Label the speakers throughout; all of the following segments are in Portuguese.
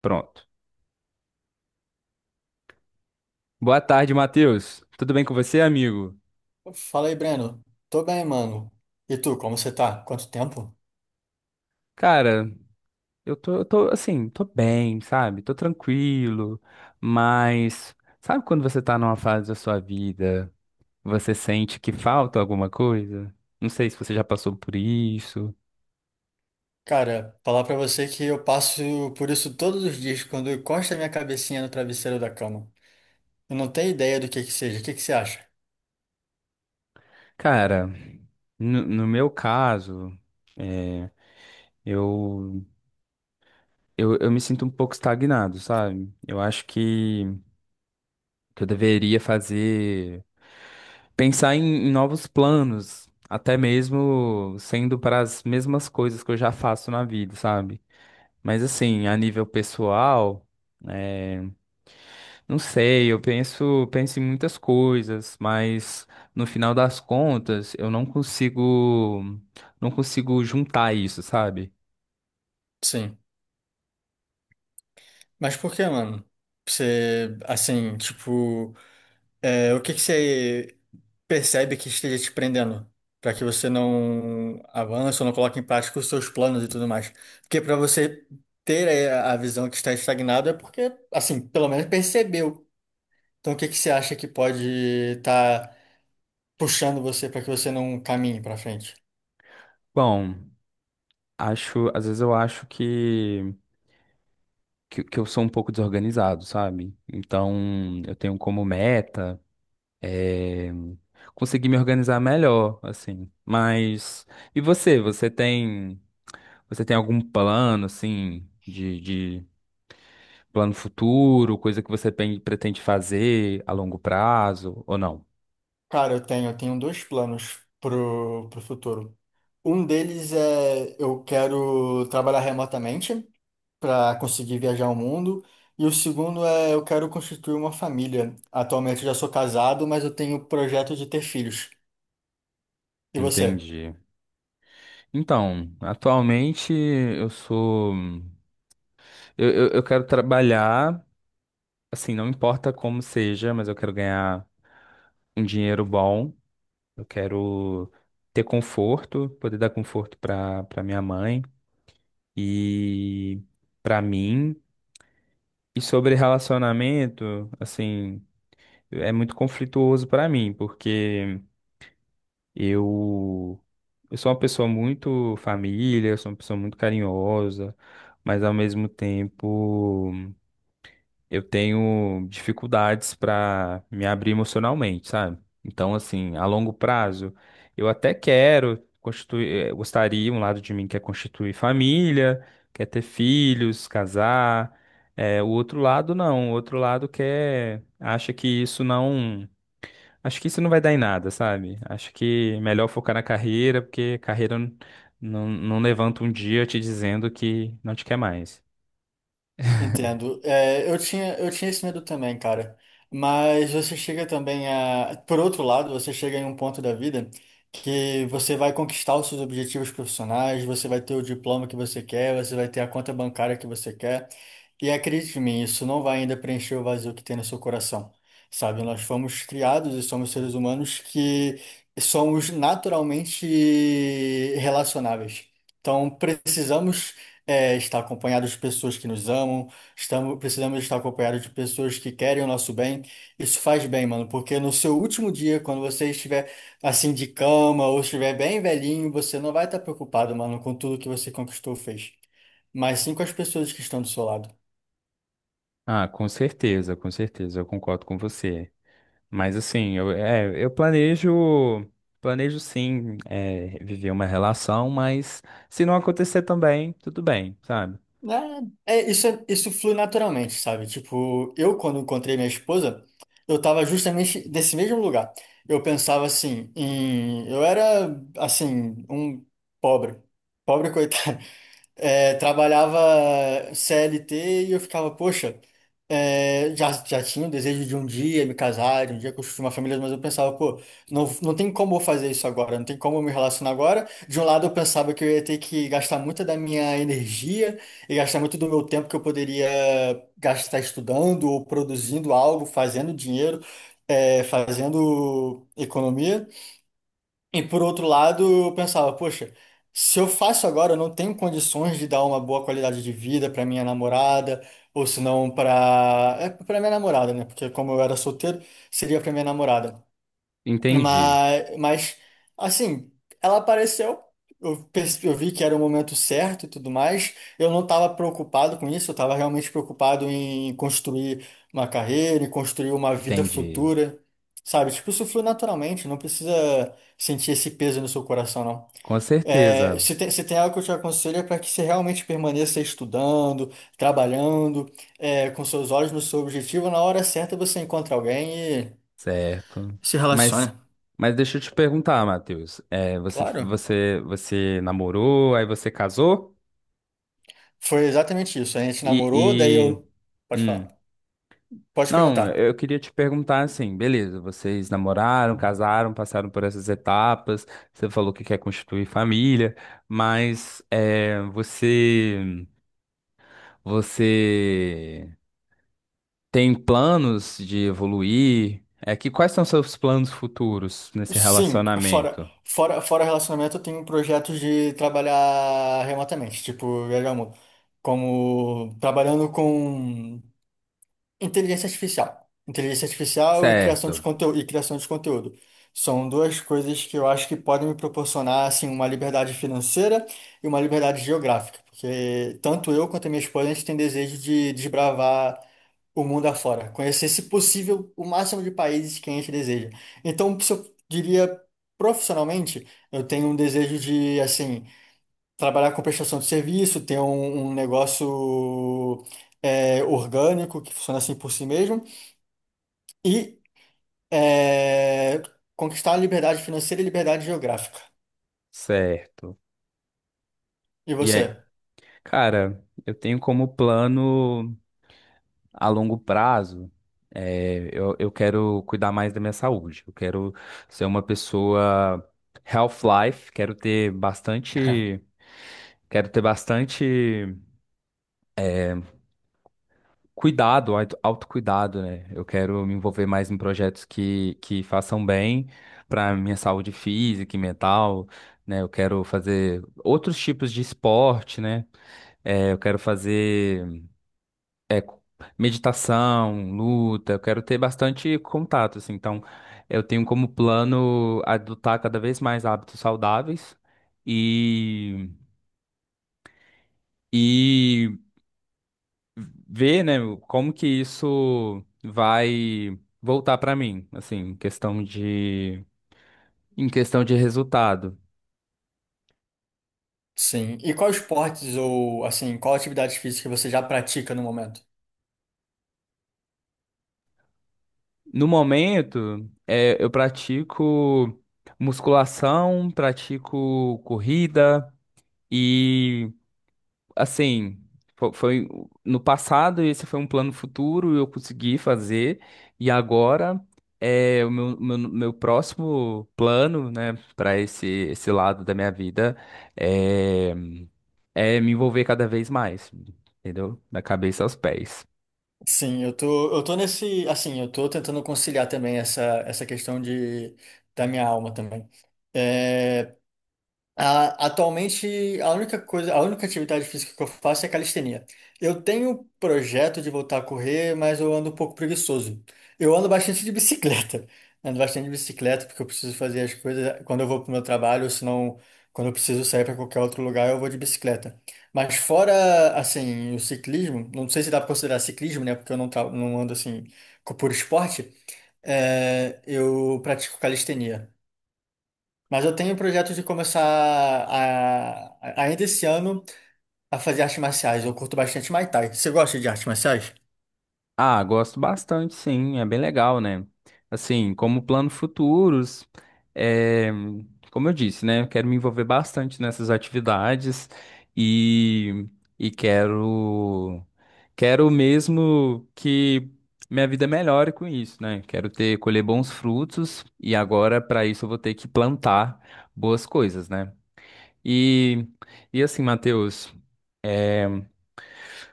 Speaker 1: Pronto. Boa tarde, Matheus. Tudo bem com você, amigo?
Speaker 2: Fala aí, Breno. Tô bem, mano. E tu, como você tá? Quanto tempo?
Speaker 1: Cara, eu tô assim, tô bem, sabe? Tô tranquilo, mas sabe quando você tá numa fase da sua vida, você sente que falta alguma coisa? Não sei se você já passou por isso.
Speaker 2: Cara, falar pra você que eu passo por isso todos os dias quando eu encosto a minha cabecinha no travesseiro da cama. Eu não tenho ideia do que seja. O que que você acha?
Speaker 1: Cara, no meu caso, é, eu, eu me sinto um pouco estagnado, sabe? Eu acho que eu deveria fazer. Pensar em novos planos, até mesmo sendo para as mesmas coisas que eu já faço na vida, sabe? Mas assim, a nível pessoal, é, não sei, eu penso em muitas coisas, mas no final das contas, eu não consigo, não consigo juntar isso, sabe?
Speaker 2: Sim. Mas por que, mano? Você, assim, tipo. O que que você percebe que esteja te prendendo para que você não avance ou não coloque em prática os seus planos e tudo mais? Porque para você ter a visão que está estagnado é porque, assim, pelo menos percebeu. Então, o que que você acha que pode estar puxando você para que você não caminhe para frente?
Speaker 1: Bom, acho, às vezes eu acho que eu sou um pouco desorganizado, sabe? Então, eu tenho como meta eh, conseguir me organizar melhor, assim. Mas e você? Você tem algum plano, assim, de plano futuro, coisa que você pretende fazer a longo prazo ou não?
Speaker 2: Cara, eu tenho dois planos pro futuro. Um deles é eu quero trabalhar remotamente para conseguir viajar o mundo. E o segundo é eu quero constituir uma família. Atualmente eu já sou casado, mas eu tenho o projeto de ter filhos. E você?
Speaker 1: Entendi. Então, atualmente eu quero trabalhar, assim, não importa como seja, mas eu quero ganhar um dinheiro bom. Eu quero ter conforto, poder dar conforto para minha mãe. E para mim, e sobre relacionamento, assim, é muito conflituoso para mim, porque eu eu sou uma pessoa muito família, eu sou uma pessoa muito carinhosa, mas ao mesmo tempo eu tenho dificuldades para me abrir emocionalmente, sabe? Então, assim, a longo prazo, eu até quero constituir, gostaria, um lado de mim quer constituir família, quer ter filhos, casar. O outro lado não, o outro lado quer, acha que isso não, acho que isso não vai dar em nada, sabe? Acho que é melhor focar na carreira, porque carreira não levanta um dia te dizendo que não te quer mais.
Speaker 2: Entendo. É, eu tinha esse medo também, cara. Mas você chega também a. Por outro lado, você chega em um ponto da vida que você vai conquistar os seus objetivos profissionais, você vai ter o diploma que você quer, você vai ter a conta bancária que você quer. E acredite em mim, isso não vai ainda preencher o vazio que tem no seu coração. Sabe, nós fomos criados e somos seres humanos que somos naturalmente relacionáveis. Então, precisamos estar acompanhados de pessoas que nos amam. Estamos, precisamos estar acompanhados de pessoas que querem o nosso bem. Isso faz bem, mano, porque no seu último dia, quando você estiver assim de cama ou estiver bem velhinho, você não vai estar preocupado, mano, com tudo que você conquistou, ou fez, mas sim com as pessoas que estão do seu lado.
Speaker 1: Ah, com certeza, eu concordo com você. Mas assim, eu planejo sim, viver uma relação, mas se não acontecer também, tudo bem, sabe?
Speaker 2: Isso flui naturalmente, sabe? Tipo, eu quando encontrei minha esposa, eu tava justamente nesse mesmo lugar. Eu pensava assim, eu era assim, um pobre, pobre coitado. Trabalhava CLT e eu ficava, poxa, já tinha o desejo de um dia me casar, de um dia construir uma família, mas eu pensava, pô, não tem como eu fazer isso agora, não tem como eu me relacionar agora. De um lado, eu pensava que eu ia ter que gastar muita da minha energia e gastar muito do meu tempo que eu poderia gastar estudando ou produzindo algo, fazendo dinheiro, fazendo economia. E por outro lado, eu pensava, poxa, se eu faço agora, eu não tenho condições de dar uma boa qualidade de vida para minha namorada, ou se não para para minha namorada, né? Porque como eu era solteiro, seria para minha namorada.
Speaker 1: Entendi,
Speaker 2: Mas assim, ela apareceu, eu vi que era o momento certo e tudo mais. Eu não estava preocupado com isso, eu estava realmente preocupado em construir uma carreira, em construir uma vida
Speaker 1: entendi.
Speaker 2: futura, sabe? Tipo, isso flui naturalmente, não precisa sentir esse peso no seu coração, não.
Speaker 1: Com
Speaker 2: É,
Speaker 1: certeza,
Speaker 2: se tem algo que eu te aconselho é para que você realmente permaneça estudando, trabalhando, com seus olhos no seu objetivo, na hora certa você encontra alguém e
Speaker 1: certo.
Speaker 2: se
Speaker 1: Mas,
Speaker 2: relaciona.
Speaker 1: mas deixa eu te perguntar, Matheus. É,
Speaker 2: Claro.
Speaker 1: você namorou, aí você casou?
Speaker 2: Foi exatamente isso. A gente
Speaker 1: E, e,
Speaker 2: namorou, daí eu. Pode
Speaker 1: hum,
Speaker 2: falar. Pode
Speaker 1: Não,
Speaker 2: perguntar.
Speaker 1: eu queria te perguntar assim, beleza, vocês namoraram, casaram, passaram por essas etapas, você falou que quer constituir família, mas é, você tem planos de evoluir? É que quais são seus planos futuros nesse
Speaker 2: Sim,
Speaker 1: relacionamento?
Speaker 2: fora relacionamento, eu tenho projetos de trabalhar remotamente, tipo, viajar o mundo. Como trabalhando com inteligência artificial. Inteligência artificial e criação de
Speaker 1: Certo,
Speaker 2: conteúdo, e criação de conteúdo. São duas coisas que eu acho que podem me proporcionar assim uma liberdade financeira e uma liberdade geográfica, porque tanto eu quanto a minha esposa a gente tem desejo de desbravar o mundo afora, conhecer, se possível, o máximo de países que a gente deseja. Então, se eu diria profissionalmente, eu tenho um desejo de assim trabalhar com prestação de serviço, ter um negócio orgânico que funciona assim por si mesmo e é, conquistar a liberdade financeira e liberdade geográfica.
Speaker 1: certo.
Speaker 2: E
Speaker 1: E
Speaker 2: você?
Speaker 1: cara, eu tenho como plano a longo prazo, eu quero cuidar mais da minha saúde. Eu quero ser uma pessoa health life, quero ter bastante cuidado, autocuidado, né? Eu quero me envolver mais em projetos que façam bem para minha saúde física e mental, né? Eu quero fazer outros tipos de esporte, né? É, eu quero fazer É, meditação, luta, eu quero ter bastante contato, assim. Então, eu tenho como plano adotar cada vez mais hábitos saudáveis e, e ver, né, como que isso vai voltar para mim, assim, em questão de resultado.
Speaker 2: Sim. E quais esportes ou assim, qual atividade física você já pratica no momento?
Speaker 1: No momento, eu pratico musculação, pratico corrida e assim, foi, no passado, esse foi um plano futuro, eu consegui fazer, e agora é o meu próximo plano, né, para esse lado da minha vida é, é me envolver cada vez mais, entendeu? Da cabeça aos pés.
Speaker 2: Sim, eu tô nesse, assim, eu tô tentando conciliar também essa questão da minha alma também. Atualmente, a única atividade física que eu faço é calistenia. Eu tenho projeto de voltar a correr, mas eu ando um pouco preguiçoso. Eu ando bastante de bicicleta. Ando bastante de bicicleta porque eu preciso fazer as coisas quando eu vou para o meu trabalho, ou senão quando eu preciso sair para qualquer outro lugar, eu vou de bicicleta. Mas fora, assim, o ciclismo, não sei se dá para considerar ciclismo, né? Porque eu não, não ando assim por esporte. É, eu pratico calistenia. Mas eu tenho o projeto de começar ainda esse ano a fazer artes marciais. Eu curto bastante Muay Thai. Você gosta de artes marciais?
Speaker 1: Ah, gosto bastante, sim, é bem legal, né? Assim, como plano futuros, é, como eu disse, né? Eu quero me envolver bastante nessas atividades e, e quero mesmo que minha vida melhore com isso, né? Quero ter, colher bons frutos e agora, para isso, eu vou ter que plantar boas coisas, né? E, e assim, Matheus.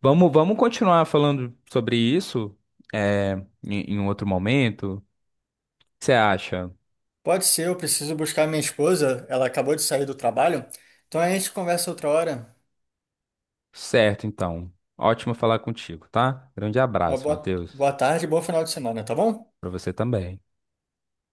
Speaker 1: Vamos continuar falando sobre isso, é, em um outro momento. O que você acha?
Speaker 2: Pode ser, eu preciso buscar minha esposa. Ela acabou de sair do trabalho. Então a gente conversa outra hora.
Speaker 1: Certo, então. Ótimo falar contigo, tá? Grande
Speaker 2: Uma
Speaker 1: abraço, Matheus.
Speaker 2: boa tarde e bom final de semana, tá bom?
Speaker 1: Pra você também.